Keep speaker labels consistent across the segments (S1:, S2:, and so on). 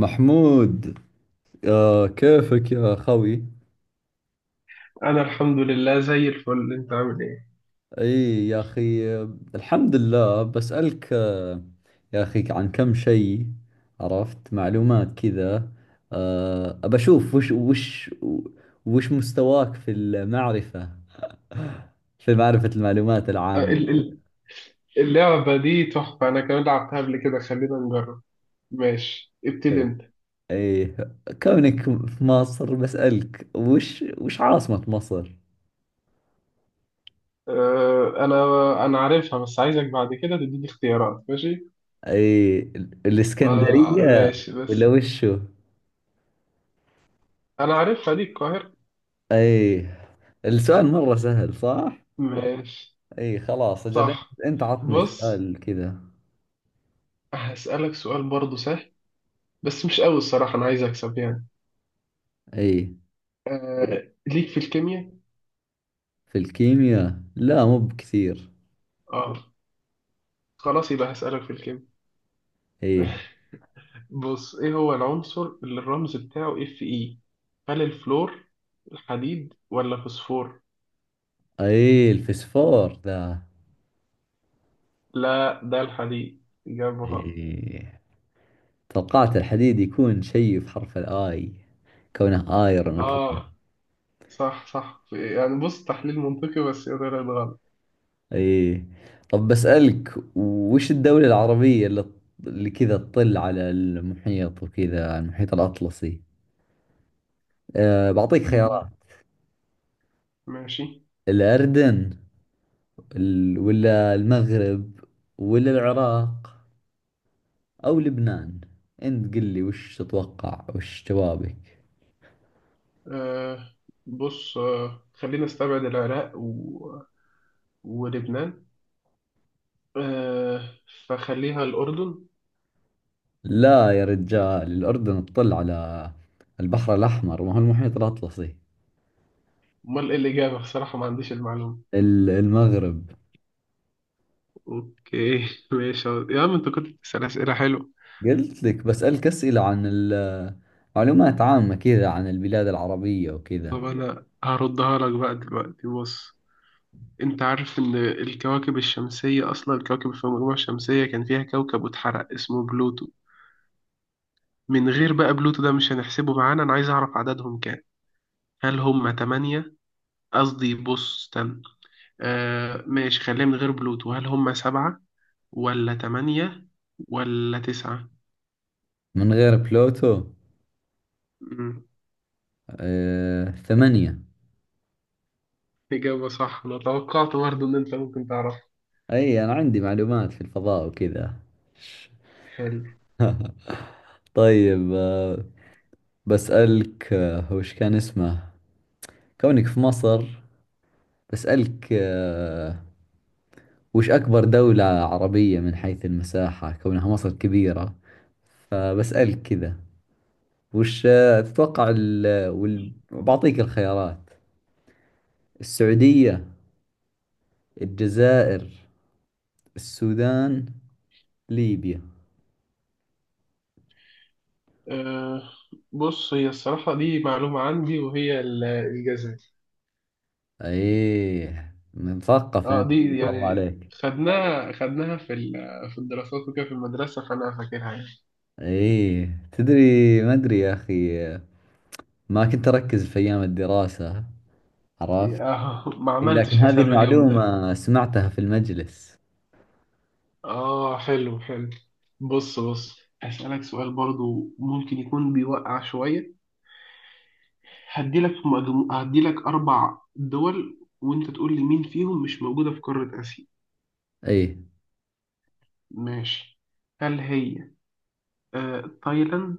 S1: محمود. كيفك يا خوي؟
S2: انا الحمد لله زي الفل. انت عامل ايه؟
S1: اي يا اخي، الحمد لله. بسألك يا اخي عن كم شيء. عرفت معلومات كذا. ابى اشوف وش مستواك في المعرفة، في معرفة المعلومات
S2: آه،
S1: العامة.
S2: ال- ال- اللعبة دي تحفة، انا كمان لعبتها قبل كده. خلينا نجرب. ماشي، ابتدي
S1: اي
S2: انت.
S1: اي، كونك في مصر بسألك وش عاصمة مصر؟
S2: آه، انا انا عارفها، بس عايزك بعد كده تديني اختيارات. ماشي.
S1: اي،
S2: آه
S1: الاسكندرية
S2: ماشي، بس
S1: ولا وشو؟
S2: انا عارفها، دي القاهرة.
S1: اي، السؤال مرة سهل صح؟
S2: ماشي.
S1: اي خلاص اجل انت.
S2: صح.
S1: أنت عطني
S2: بص،
S1: سؤال كذا.
S2: هسألك سؤال برضه سهل، بس مش قوي الصراحة، انا عايز اكسب يعني.
S1: اي،
S2: آه، ليك في الكيمياء؟
S1: في الكيمياء لا مو بكثير.
S2: اه، خلاص يبقى هسألك في الكيمياء.
S1: اي
S2: بص، ايه هو العنصر اللي الرمز بتاعه اف اي؟ هل الفلور، الحديد ولا فوسفور؟
S1: اي، الفسفور ذا.
S2: لا، ده الحديد. إجابة غلط.
S1: اي، توقعت الحديد يكون شيء في حرف الاي، كونه ايرون وكذا.
S2: اه، صح يعني، بص تحليل منطقي، بس هي طلعت غلط.
S1: اي، طب بسألك وش الدولة العربية اللي كذا تطل على المحيط، وكذا على المحيط الأطلسي. بعطيك خيارات:
S2: مم. ماشي.
S1: الأردن، ولا المغرب، ولا العراق، أو لبنان. أنت قل لي وش تتوقع، وش جوابك.
S2: آه، بص، آه، خلينا نستبعد العراق و... ولبنان، آه، فخليها الأردن.
S1: لا يا رجال، الأردن تطل على البحر الأحمر، ما هو المحيط الأطلسي.
S2: امال ايه الإجابة؟ بصراحة ما عنديش المعلومة.
S1: المغرب.
S2: اوكي ماشي يا عم، انت كنت بتسأل أسئلة حلوة.
S1: قلت لك بسألك أسئلة عن معلومات عامة كذا عن البلاد العربية وكذا.
S2: طب أنا هردها لك بقى دلوقتي. بص، أنت عارف إن الكواكب الشمسية، أصلا الكواكب في المجموعة الشمسية كان فيها كوكب واتحرق اسمه بلوتو. من غير بقى بلوتو، ده مش هنحسبه معانا، أنا عايز أعرف عددهم كام. هل هم تمانية؟ قصدي بص، استنى، آه ماشي، خلينا من غير بلوتو، هل هم سبعة، ولا تمانية، ولا تسعة؟
S1: من غير بلوتو.
S2: مم.
S1: ثمانية.
S2: إجابة صح، أنا توقعت برضه إن أنت ممكن تعرف.
S1: أي، أنا عندي معلومات في الفضاء وكذا.
S2: حلو.
S1: طيب، بسألك وش كان اسمه، كونك في مصر، بسألك وش أكبر دولة عربية من حيث المساحة، كونها مصر كبيرة فبسألك كذا. وش تتوقع بعطيك الخيارات: السعودية، الجزائر، السودان، ليبيا.
S2: أه، بص، هي الصراحة دي معلومة عندي، وهي الجاذبية.
S1: ايه مثقف
S2: اه،
S1: انت
S2: دي
S1: ما شاء الله
S2: يعني
S1: عليك.
S2: خدناها في في الدراسات وكده في المدرسة، فأنا فاكرها.
S1: ايه تدري، ما ادري يا اخي، ما كنت اركز في ايام الدراسة. عرفت.
S2: يعني اه ما
S1: إي، لكن
S2: عملتش
S1: هذه
S2: حساب اليوم ده.
S1: المعلومة سمعتها في المجلس.
S2: اه، حلو. بص بص، هسألك سؤال برضو ممكن يكون بيوقع شوية. هديلك أربع دول وأنت تقول لي مين فيهم مش موجودة في قارة آسيا.
S1: أي،
S2: ماشي، هل هي، تايلاند،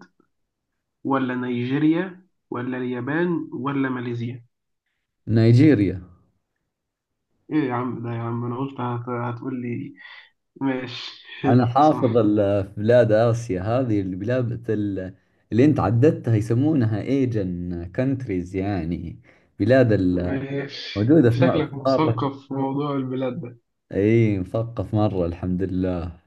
S2: ولا نيجيريا، ولا اليابان، ولا ماليزيا؟
S1: نيجيريا.
S2: ايه يا عم ده يا عم، هتقول لي. ماشي،
S1: أنا
S2: حلو،
S1: حافظ
S2: صح.
S1: في بلاد آسيا هذه البلاد اللي أنت عددتها يسمونها ايجن كونتريز، يعني بلاد
S2: ماشي،
S1: موجودة
S2: انت
S1: في
S2: شكلك
S1: في قارة.
S2: مثقف في موضوع البلاد ده.
S1: أي، مثقف مرة الحمد لله.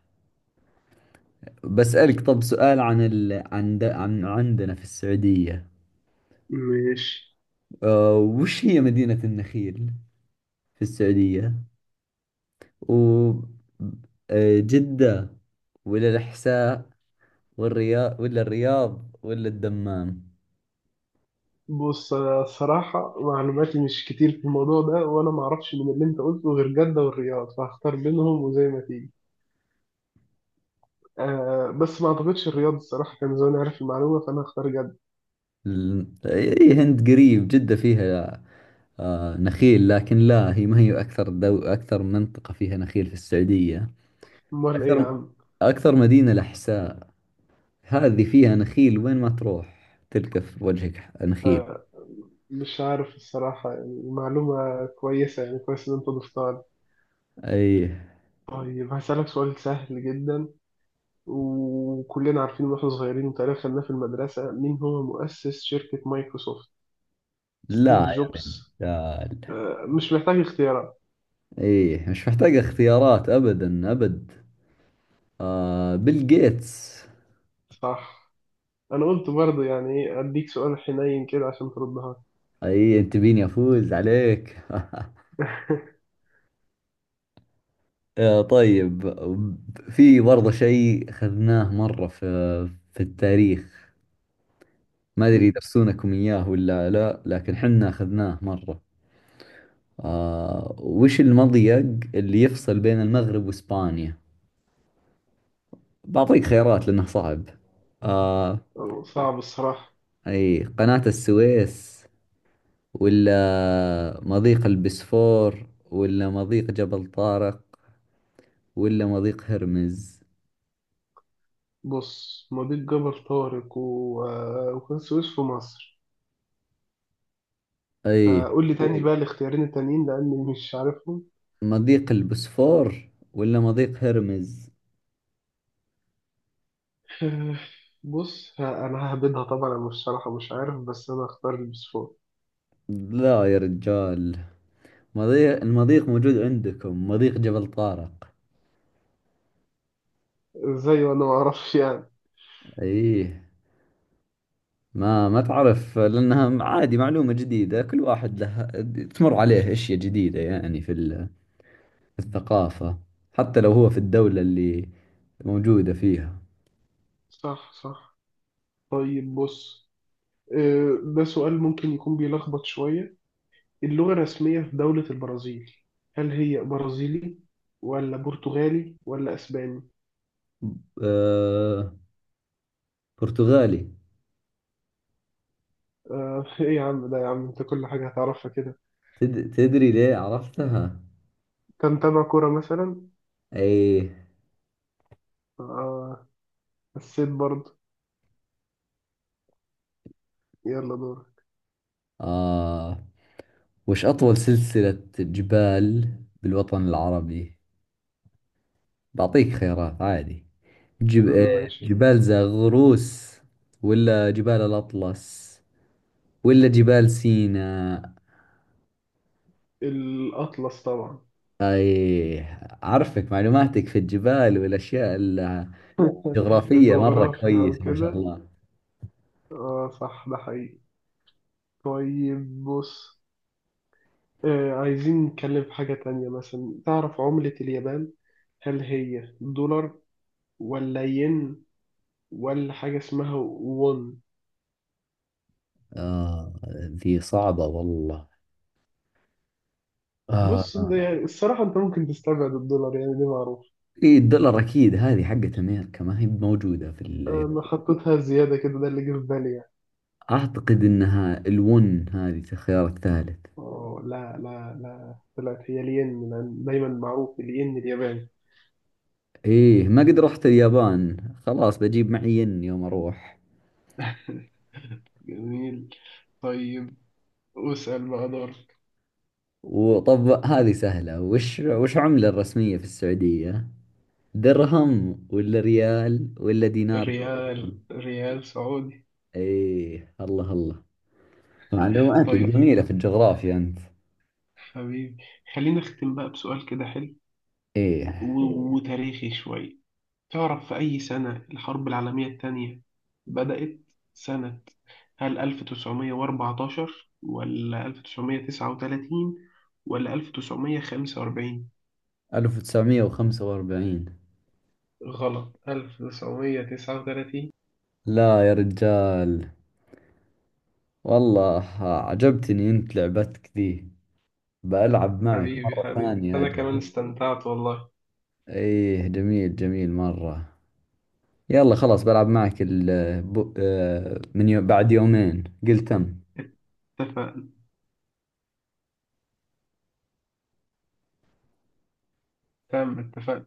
S1: بسألك طب سؤال عن عن عندنا في السعودية.
S2: ماشي.
S1: وش هي مدينة النخيل في السعودية، و جدة، ولا الإحساء، والرياض، ولا الدمام.
S2: بص، انا الصراحه معلوماتي مش كتير في الموضوع ده، وانا ما اعرفش من اللي انت قلته غير جده والرياض، فهختار بينهم وزي ما تيجي. آه، بس ما اعتقدش الرياض، الصراحه كان زمان عارف المعلومه، فانا هختار جده.
S1: اي هند قريب جدة فيها آه نخيل، لكن لا. هي ما هي أكثر أكثر منطقة فيها نخيل في السعودية.
S2: امال ايه يا
S1: أكثر
S2: عم؟
S1: أكثر مدينة لحساء، هذه فيها نخيل، وين ما تروح تلقى في وجهك نخيل.
S2: آه، مش عارف الصراحه يعني، معلومه كويسه يعني، كويس ان انت ضفتها لي.
S1: أي.
S2: طيب هسألك سؤال سهل جدا، وكلنا عارفين واحنا صغيرين وتعرف خدناه في المدرسة. مين هو مؤسس شركة مايكروسوفت؟ ستيف
S1: لا
S2: جوبز؟
S1: يا
S2: آه، مش محتاج اختيارات.
S1: أي مش محتاج اختيارات، أبدا. بيل جيتس.
S2: صح. أنا قلت برضه يعني، إيه، أديك سؤال حنين كده عشان تردها.
S1: أي أنت بيني أفوز عليك. طيب، في برضه شيء أخذناه مرة في في التاريخ. ما أدري يدرسونكم إياه ولا لا، لكن حنا أخذناه مرة. وش المضيق اللي يفصل بين المغرب وإسبانيا؟ بعطيك خيارات لأنه صعب. آه
S2: صعب الصراحة.
S1: أي، قناة السويس، ولا مضيق البسفور، ولا مضيق جبل طارق، ولا مضيق هرمز؟
S2: بص، مضيق جبل طارق و... آه، وقناة السويس في مصر،
S1: أي،
S2: فقول لي تاني بقى الاختيارين التانيين لأني مش عارفهم.
S1: مضيق البسفور ولا مضيق هرمز؟
S2: آه، بص، أنا ههبدها طبعا، أنا مش شرحة، مش عارف، بس أنا هختار البسفور.
S1: لا يا رجال، المضيق موجود عندكم مضيق جبل طارق.
S2: إزاي وأنا معرفش يعني؟
S1: ايه، ما تعرف لانها عادي، معلومة جديدة. كل واحد له تمر عليه اشياء جديدة، يعني في في الثقافة، حتى لو هو في الدولة اللي موجودة فيها.
S2: صح. طيب بص، آه، ده سؤال ممكن يكون بيلخبط شوية. اللغة الرسمية في دولة البرازيل، هل هي برازيلي، ولا برتغالي، ولا أسباني؟
S1: أه برتغالي.
S2: آه، إيه يا عم ده يا عم، أنت كل حاجة هتعرفها كده.
S1: تدري ليه عرفتها؟
S2: أنت متابع كورة مثلا؟
S1: ايه.
S2: آه، حسيت برضه. يلا دور.
S1: اه، وش اطول سلسلة جبال بالوطن العربي؟ بعطيك خيارات عادي: جب... آه،
S2: ماشي.
S1: جبال زاغروس، ولا جبال الأطلس، ولا جبال سيناء.
S2: الأطلس طبعا.
S1: أي، أعرفك معلوماتك في الجبال والأشياء الجغرافية مرة
S2: الجغرافيا
S1: كويسة ما شاء
S2: وكده،
S1: الله.
S2: آه صح، ده حقيقي. طيب بص، آه، عايزين نتكلم في حاجة تانية مثلا. تعرف عملة اليابان؟ هل هي دولار، ولا ين، ولا حاجة اسمها وون؟
S1: ذي صعبة والله.
S2: بص، ده
S1: آه
S2: يعني الصراحة انت ممكن تستبعد الدولار يعني، دي معروف.
S1: إيه، الدولار أكيد، هذه حقت أمريكا، ما هي موجودة في
S2: انا
S1: اليابان.
S2: حطيتها زيادة كده، ده اللي جه في بالي يعني.
S1: أعتقد أنها الون، هذه الخيار الثالث.
S2: اه، لا، طلعت هي الين، لأن دايما معروف الين الياباني.
S1: إيه، ما قد رحت اليابان، خلاص بجيب معي ين يوم أروح.
S2: جميل. طيب، واسأل بقى دورك.
S1: وطب هذه سهلة، وش عملة الرسمية في السعودية؟ درهم ولا ريال ولا دينار كويتي؟
S2: ريال، ريال سعودي.
S1: ايه الله الله، معلوماتك
S2: طيب
S1: جميلة في الجغرافيا انت.
S2: حبيبي، خلينا نختم بقى بسؤال كده حلو
S1: ايه،
S2: وتاريخي شوية. تعرف في أي سنة الحرب العالمية التانية بدأت؟ سنة، هل 1914، ولا 1939، ولا 1945؟
S1: 1945.
S2: غلط، 1939.
S1: لا يا رجال. والله عجبتني انت لعبتك ذي، بلعب معك
S2: حبيبي
S1: مرة
S2: حبيبي
S1: ثانية
S2: أنا كمان
S1: اجل.
S2: استمتعت والله.
S1: ايه، جميل جميل مرة. يلا خلاص، بلعب معك بعد يومين، قلت تم.
S2: اتفقنا. تم، اتفقنا.